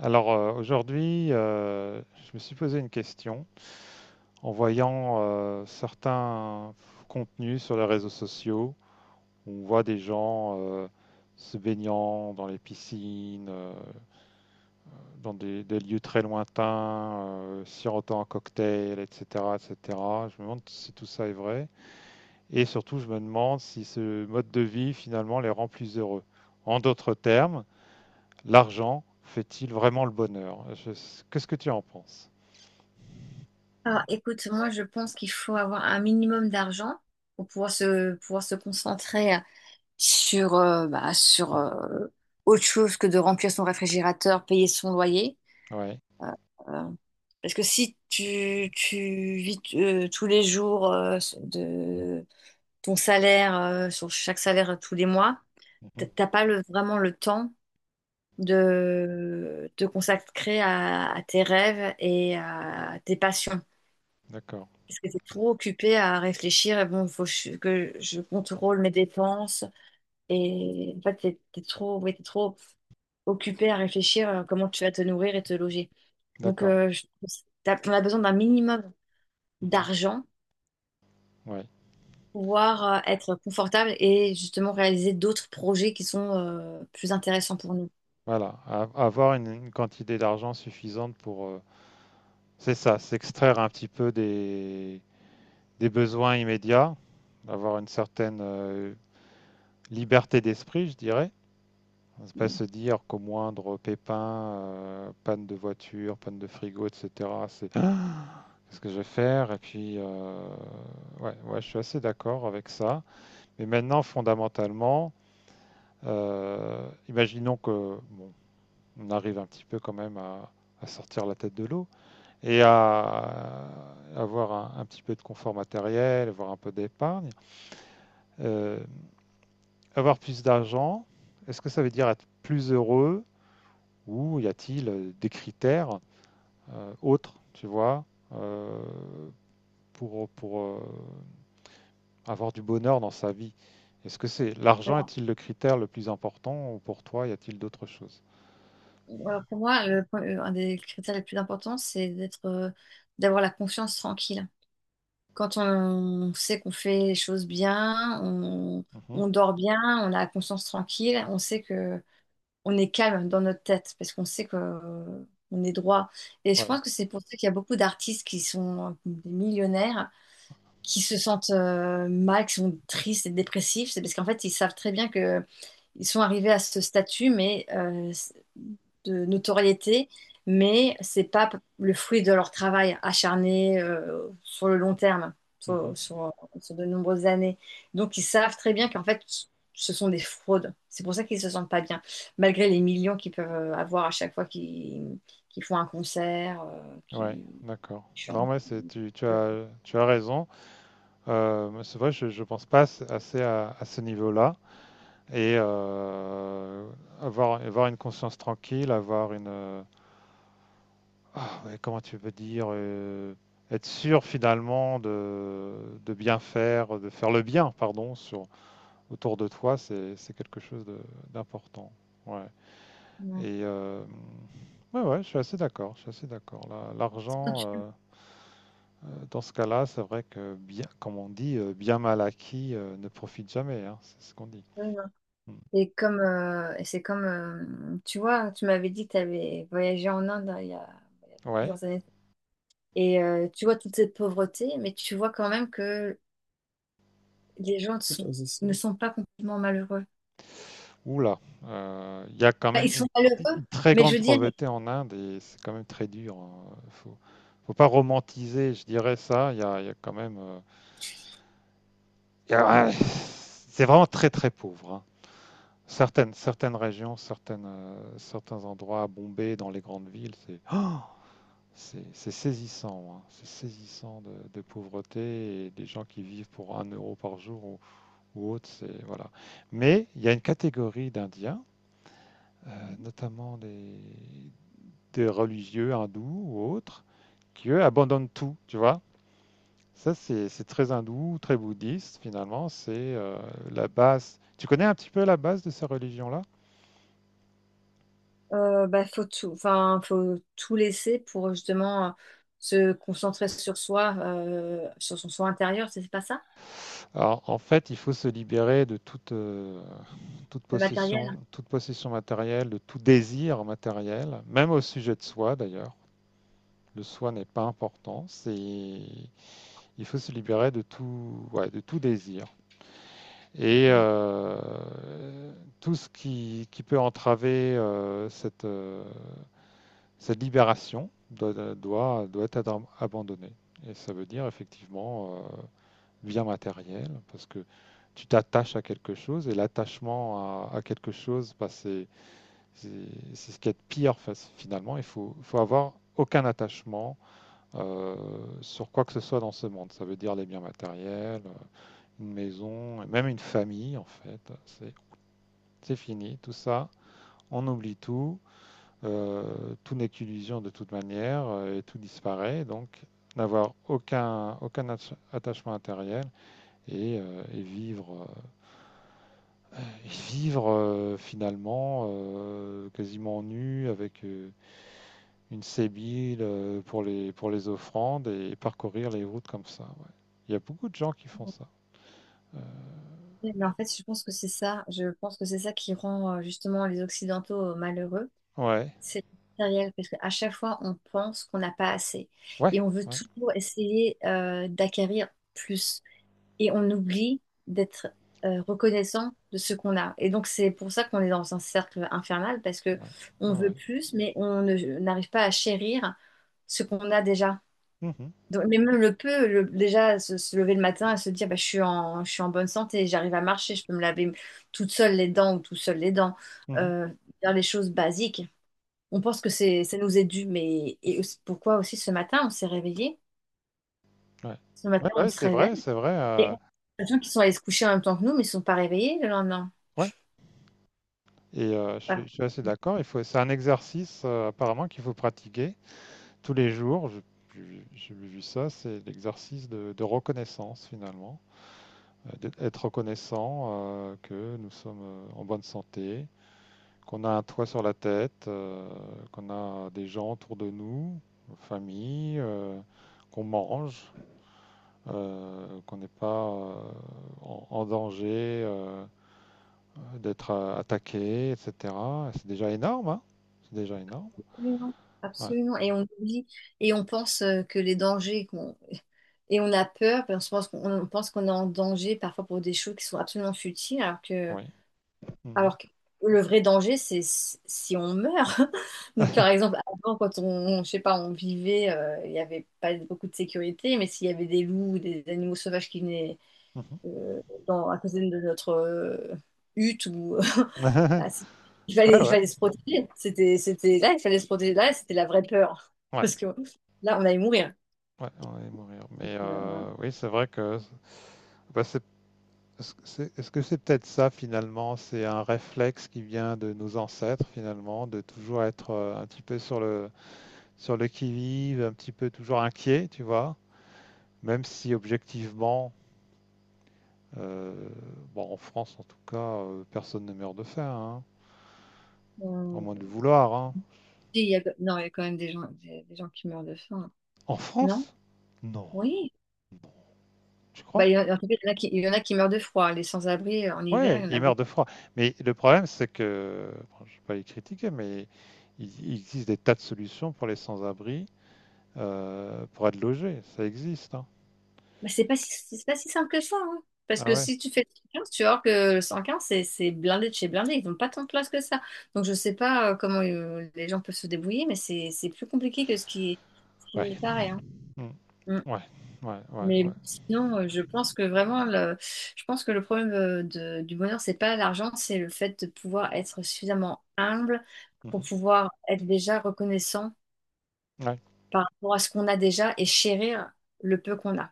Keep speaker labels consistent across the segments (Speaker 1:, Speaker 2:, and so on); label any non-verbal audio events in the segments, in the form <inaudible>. Speaker 1: Alors, aujourd'hui, je me suis posé une question en voyant certains contenus sur les réseaux sociaux où on voit des gens se baignant dans les piscines, dans des lieux très lointains, sirotant un cocktail, etc., etc. Je me demande si tout ça est vrai et surtout je me demande si ce mode de vie finalement les rend plus heureux. En d'autres termes, l'argent fait-il vraiment le bonheur? Qu'est-ce que tu en penses?
Speaker 2: Alors, écoute, moi, je pense qu'il faut avoir un minimum d'argent pour pouvoir se concentrer sur, sur autre chose que de remplir son réfrigérateur, payer son loyer.
Speaker 1: Ouais.
Speaker 2: Euh, euh, Parce que si tu vis tous les jours de ton salaire, sur chaque salaire tous les mois,
Speaker 1: Mhm.
Speaker 2: t'as pas le, vraiment le temps de te consacrer à tes rêves et à tes passions.
Speaker 1: D'accord,
Speaker 2: Parce que t'es trop occupé à réfléchir, et bon, faut que je contrôle mes dépenses. Et en fait, t'es trop, ouais, t'es trop occupé à réfléchir à comment tu vas te nourrir et te loger. Donc,
Speaker 1: d'accord.
Speaker 2: on a besoin d'un minimum
Speaker 1: Mhm.
Speaker 2: d'argent
Speaker 1: Ouais,
Speaker 2: pour pouvoir être confortable et justement réaliser d'autres projets qui sont plus intéressants pour nous.
Speaker 1: voilà. Avoir une quantité d'argent suffisante pour, c'est ça, s'extraire un petit peu des besoins immédiats, avoir une certaine liberté d'esprit, je dirais. On ne pas
Speaker 2: Mm.
Speaker 1: se dire qu'au moindre pépin, panne de voiture, panne de frigo, etc., c'est ah qu'est-ce que je vais faire? Et puis, ouais, ouais, je suis assez d'accord avec ça. Mais maintenant, fondamentalement, imaginons que, bon, on arrive un petit peu quand même à sortir la tête de l'eau et à avoir un petit peu de confort matériel, avoir un peu d'épargne, euh, avoir plus d'argent. Est-ce que ça veut dire être plus heureux ou y a-t-il des critères autres, tu vois, euh, pour avoir du bonheur dans sa vie? Est-ce que c'est l'argent
Speaker 2: Voilà.
Speaker 1: est-il le critère le plus important ou pour toi y a-t-il d'autres choses?
Speaker 2: Alors, pour moi, un des critères les plus importants, c'est d'avoir la confiance tranquille. Quand on sait qu'on fait les choses bien,
Speaker 1: Mhm.
Speaker 2: on dort bien, on a la conscience tranquille, on sait que on est calme dans notre tête parce qu'on sait que on est droit. Et je
Speaker 1: Ouais.
Speaker 2: pense que c'est pour ça qu'il y a beaucoup d'artistes qui sont des millionnaires, qui se sentent mal, qui sont tristes et dépressifs. C'est parce qu'en fait, ils savent très bien que ils sont arrivés à ce statut de notoriété, mais c'est pas le fruit de leur travail acharné sur le long terme,
Speaker 1: Mhm.
Speaker 2: sur de nombreuses années. Donc ils savent très bien qu'en fait ce sont des fraudes. C'est pour ça qu'ils se sentent pas bien, malgré les millions qu'ils peuvent avoir à chaque fois qu'ils font un concert, qu'ils
Speaker 1: Ouais, d'accord. Non,
Speaker 2: chantent.
Speaker 1: mais c'est tu, tu as raison. Mais c'est vrai, je pense pas assez à ce niveau-là et avoir une conscience tranquille, avoir une ah, ouais, comment tu peux dire être sûr finalement de bien faire, de faire le bien, pardon, sur autour de toi, c'est quelque chose d'important. Ouais.
Speaker 2: Ouais.
Speaker 1: Et ouais, ouais, je suis assez d'accord. Je suis assez d'accord.
Speaker 2: C'est quand
Speaker 1: L'argent. Dans ce cas-là, c'est vrai que bien, comme on dit, bien mal acquis ne profite jamais, hein, c'est ce qu'on dit.
Speaker 2: tu-
Speaker 1: Mm.
Speaker 2: Et comme, et c'est comme, tu vois, tu m'avais dit que tu avais voyagé en Inde hein, il y a
Speaker 1: Ouais.
Speaker 2: plusieurs années. Et tu vois toute cette pauvreté, mais tu vois quand même que les gens ne C'est sont, ne sont pas complètement malheureux.
Speaker 1: Oula, il y a quand
Speaker 2: Enfin,
Speaker 1: même
Speaker 2: ils
Speaker 1: une,
Speaker 2: sont malheureux,
Speaker 1: une très
Speaker 2: mais je
Speaker 1: grande
Speaker 2: veux dire,
Speaker 1: pauvreté en Inde et c'est quand même très dur, hein. Faut pas romantiser, je dirais ça. Il y a quand même, ouais, c'est vraiment très très pauvre, hein. Certaines régions, certaines certains endroits, à Bombay, dans les grandes villes. C'est oh C'est saisissant, hein. C'est saisissant de pauvreté et des gens qui vivent pour 1 euro par jour ou autre, c'est voilà. Mais il y a une catégorie d'Indiens, notamment des religieux hindous ou autres, qui eux abandonnent tout, tu vois. Ça, c'est très hindou, très bouddhiste, finalement. C'est la base. Tu connais un petit peu la base de ces religions-là?
Speaker 2: faut tout, enfin, faut tout laisser pour justement se concentrer sur soi, sur son soi intérieur, c'est pas ça?
Speaker 1: Alors, en fait, il faut se libérer de toute
Speaker 2: Le matériel,
Speaker 1: possession,
Speaker 2: hein.
Speaker 1: toute possession matérielle, de tout désir matériel, même au sujet de soi d'ailleurs. Le soi n'est pas important, c'est il faut se libérer de tout, ouais, de tout désir. Et tout ce qui peut entraver cette libération doit être abandonné. Et ça veut dire effectivement bien matériel, parce que tu t'attaches à quelque chose et l'attachement à quelque chose, bah, c'est ce qui est pire finalement. Il faut avoir aucun attachement euh, sur quoi que ce soit dans ce monde. Ça veut dire les biens matériels, une maison, et même une famille en fait. C'est fini, tout ça, on oublie tout, tout n'est qu'illusion de toute manière et tout disparaît. Donc n'avoir aucun attachement matériel et vivre, finalement quasiment nu avec une sébile pour les offrandes et, parcourir les routes comme ça, ouais. Il y a beaucoup de gens qui font ça. Euh,
Speaker 2: Mais en fait, je pense que c'est ça. Je pense que c'est ça qui rend justement les Occidentaux malheureux.
Speaker 1: ouais,
Speaker 2: C'est matériel parce qu'à chaque fois, on pense qu'on n'a pas assez
Speaker 1: ouais,
Speaker 2: et on veut
Speaker 1: ouais,
Speaker 2: toujours essayer d'acquérir plus et on oublie d'être reconnaissant de ce qu'on a. Et donc, c'est pour ça qu'on est dans un cercle infernal parce que
Speaker 1: ouais, ouais,
Speaker 2: on veut
Speaker 1: ouais.
Speaker 2: plus, mais on ne- n'arrive pas à chérir ce qu'on a déjà.
Speaker 1: Mhm,
Speaker 2: Donc, mais même le peu, déjà se lever le matin et se dire bah, je suis en bonne santé, j'arrive à marcher, je peux me laver toute seule les dents ou tout seul les dents,
Speaker 1: mhm,
Speaker 2: euh, faire les choses basiques, on pense que ça nous est dû, mais et aussi- pourquoi aussi ce matin on s'est réveillé?
Speaker 1: ouais.
Speaker 2: Ce
Speaker 1: Ouais,
Speaker 2: matin on
Speaker 1: ouais,
Speaker 2: se
Speaker 1: c'est vrai,
Speaker 2: réveille
Speaker 1: c'est vrai,
Speaker 2: et on les gens qui sont allés se coucher en même temps que nous, mais ils ne sont pas réveillés le lendemain.
Speaker 1: ouais. Et je suis,
Speaker 2: Par-
Speaker 1: je suis assez d'accord. Il faut, c'est un exercice apparemment qu'il faut pratiquer tous les jours. J'ai vu ça, c'est l'exercice de reconnaissance finalement. euh, D'être reconnaissant que nous sommes en bonne santé, qu'on a un toit sur la tête, qu'on a des gens autour de nous, famille, qu'on mange, qu'on n'est pas en danger d'être attaqué, etc. C'est déjà énorme, hein? C'est déjà énorme.
Speaker 2: Absolument,
Speaker 1: Ouais,
Speaker 2: absolument. Et on oublie et on pense que les dangers qu'on et on a peur, parce qu'on pense qu'on on pense qu'on est en danger parfois pour des choses qui sont absolument futiles, alors que
Speaker 1: oui. Mhm.
Speaker 2: Alors que le vrai danger, c'est si on meurt. <laughs> Donc, par
Speaker 1: <laughs>
Speaker 2: exemple, avant, quand on, je sais pas, on vivait, il n'y avait pas beaucoup de sécurité, mais s'il y avait des loups ou des animaux sauvages qui venaient
Speaker 1: Mhm.
Speaker 2: euh, dans, à côté de notre hutte, ou, <laughs>
Speaker 1: <laughs>
Speaker 2: ah, c'est-
Speaker 1: Ouais,
Speaker 2: il
Speaker 1: ouais,
Speaker 2: fallait se protéger. C'était là, il fallait se protéger. Là, c'était la vraie peur. <laughs>
Speaker 1: ouais,
Speaker 2: Parce que là, on allait mourir.
Speaker 1: ouais, on va y mourir. Mais
Speaker 2: Euh,
Speaker 1: oui, c'est vrai que bah, c'est Est-ce que c'est peut-être ça finalement? C'est un réflexe qui vient de nos ancêtres finalement, de toujours être un petit peu sur le qui-vive, un petit peu toujours inquiet, tu vois? Même si objectivement, euh, bon, en France en tout cas, personne ne meurt de faim, hein, à
Speaker 2: on-
Speaker 1: moins de le vouloir, hein.
Speaker 2: il y a- non, il y a quand même des gens, des gens qui meurent de faim.
Speaker 1: En
Speaker 2: Non?
Speaker 1: France? Non,
Speaker 2: Oui.
Speaker 1: non, tu
Speaker 2: Bah,
Speaker 1: crois?
Speaker 2: il y en en tout cas, il y en a qui meurent de froid. Les sans-abri, en hiver, il
Speaker 1: Ouais,
Speaker 2: y en
Speaker 1: ils
Speaker 2: a
Speaker 1: meurent de
Speaker 2: beaucoup.
Speaker 1: froid. Mais le problème, c'est que, bon, je ne vais pas les critiquer, mais il existe des tas de solutions pour les sans-abri pour être logé. Ça existe, hein.
Speaker 2: Mais c'est pas si simple que ça, hein. Parce
Speaker 1: Ah
Speaker 2: que
Speaker 1: ouais.
Speaker 2: si tu fais le 115, tu vas voir que le 115, c'est blindé de chez blindé. Ils n'ont pas tant de place que ça. Donc, je sais pas comment les gens peuvent se débrouiller, mais c'est plus compliqué que ce qui
Speaker 1: Ouais.
Speaker 2: n'y paraît, hein.
Speaker 1: Mm.
Speaker 2: Mm.
Speaker 1: Ouais. Ouais. Ouais.
Speaker 2: Mais
Speaker 1: Ouais.
Speaker 2: bon, sinon, je pense que vraiment, je pense que le problème du bonheur, c'est pas l'argent, c'est le fait de pouvoir être suffisamment humble pour
Speaker 1: Mhm.
Speaker 2: pouvoir être déjà reconnaissant
Speaker 1: Ouais.
Speaker 2: par rapport à ce qu'on a déjà et chérir le peu qu'on a,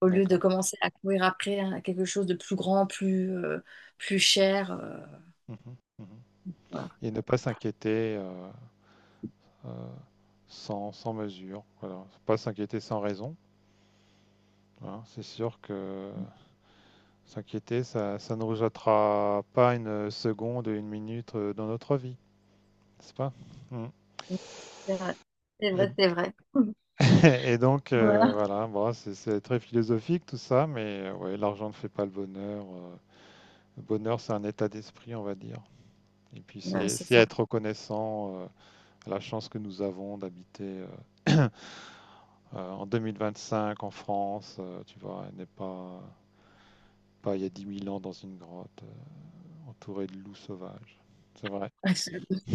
Speaker 2: au lieu de
Speaker 1: D'accord.
Speaker 2: commencer à courir après hein, quelque chose de plus grand, plus, plus cher.
Speaker 1: Mhm. Mhm. Et ne pas s'inquiéter euh, sans mesure. Voilà. Faut pas s'inquiéter sans raison, hein. C'est sûr que s'inquiéter, ça ne nous jettera pas une seconde, une minute dans notre vie, n'est-ce pas? Mm.
Speaker 2: Donc, c'est vrai, c'est vrai, c'est vrai. <laughs>
Speaker 1: <laughs> Et donc,
Speaker 2: Voilà.
Speaker 1: voilà, bon, c'est très philosophique tout ça, mais ouais, l'argent ne fait pas le bonheur, le bonheur, c'est un état d'esprit, on va dire. Et puis
Speaker 2: Ouais,
Speaker 1: c'est
Speaker 2: c'est
Speaker 1: c'est
Speaker 2: ça.
Speaker 1: être reconnaissant, à la chance que nous avons d'habiterheu, <clears throat> en 2025 en France, tu vois? Et n'est pas il y a 10 000 ans dans une grotte, entouré de loups sauvages. C'est vrai.
Speaker 2: <laughs>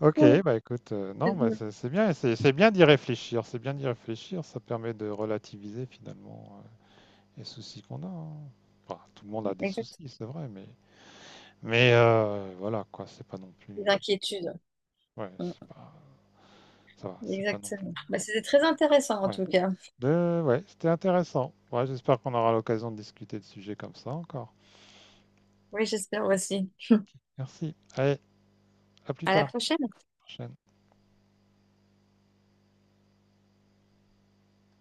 Speaker 1: OK, bah, écoute, non, bah, c'est bien, c'est bien d'y réfléchir, c'est bien d'y réfléchir, ça permet de relativiser finalement, les soucis qu'on a, hein. Enfin, tout le monde a des
Speaker 2: Exact.
Speaker 1: soucis, c'est vrai, mais voilà quoi, c'est pas non plus.
Speaker 2: Des inquiétudes.
Speaker 1: Ouais, c'est pas ça va,
Speaker 2: Mm.
Speaker 1: c'est pas non plus.
Speaker 2: Exactement. Bah, c'était très intéressant en
Speaker 1: Ouais,
Speaker 2: tout cas.
Speaker 1: Ouais, c'était intéressant. Ouais, j'espère qu'on aura l'occasion de discuter de sujets comme ça encore.
Speaker 2: Oui, j'espère aussi.
Speaker 1: Merci. Allez, à plus
Speaker 2: À la
Speaker 1: tard.
Speaker 2: prochaine.
Speaker 1: Prochaine.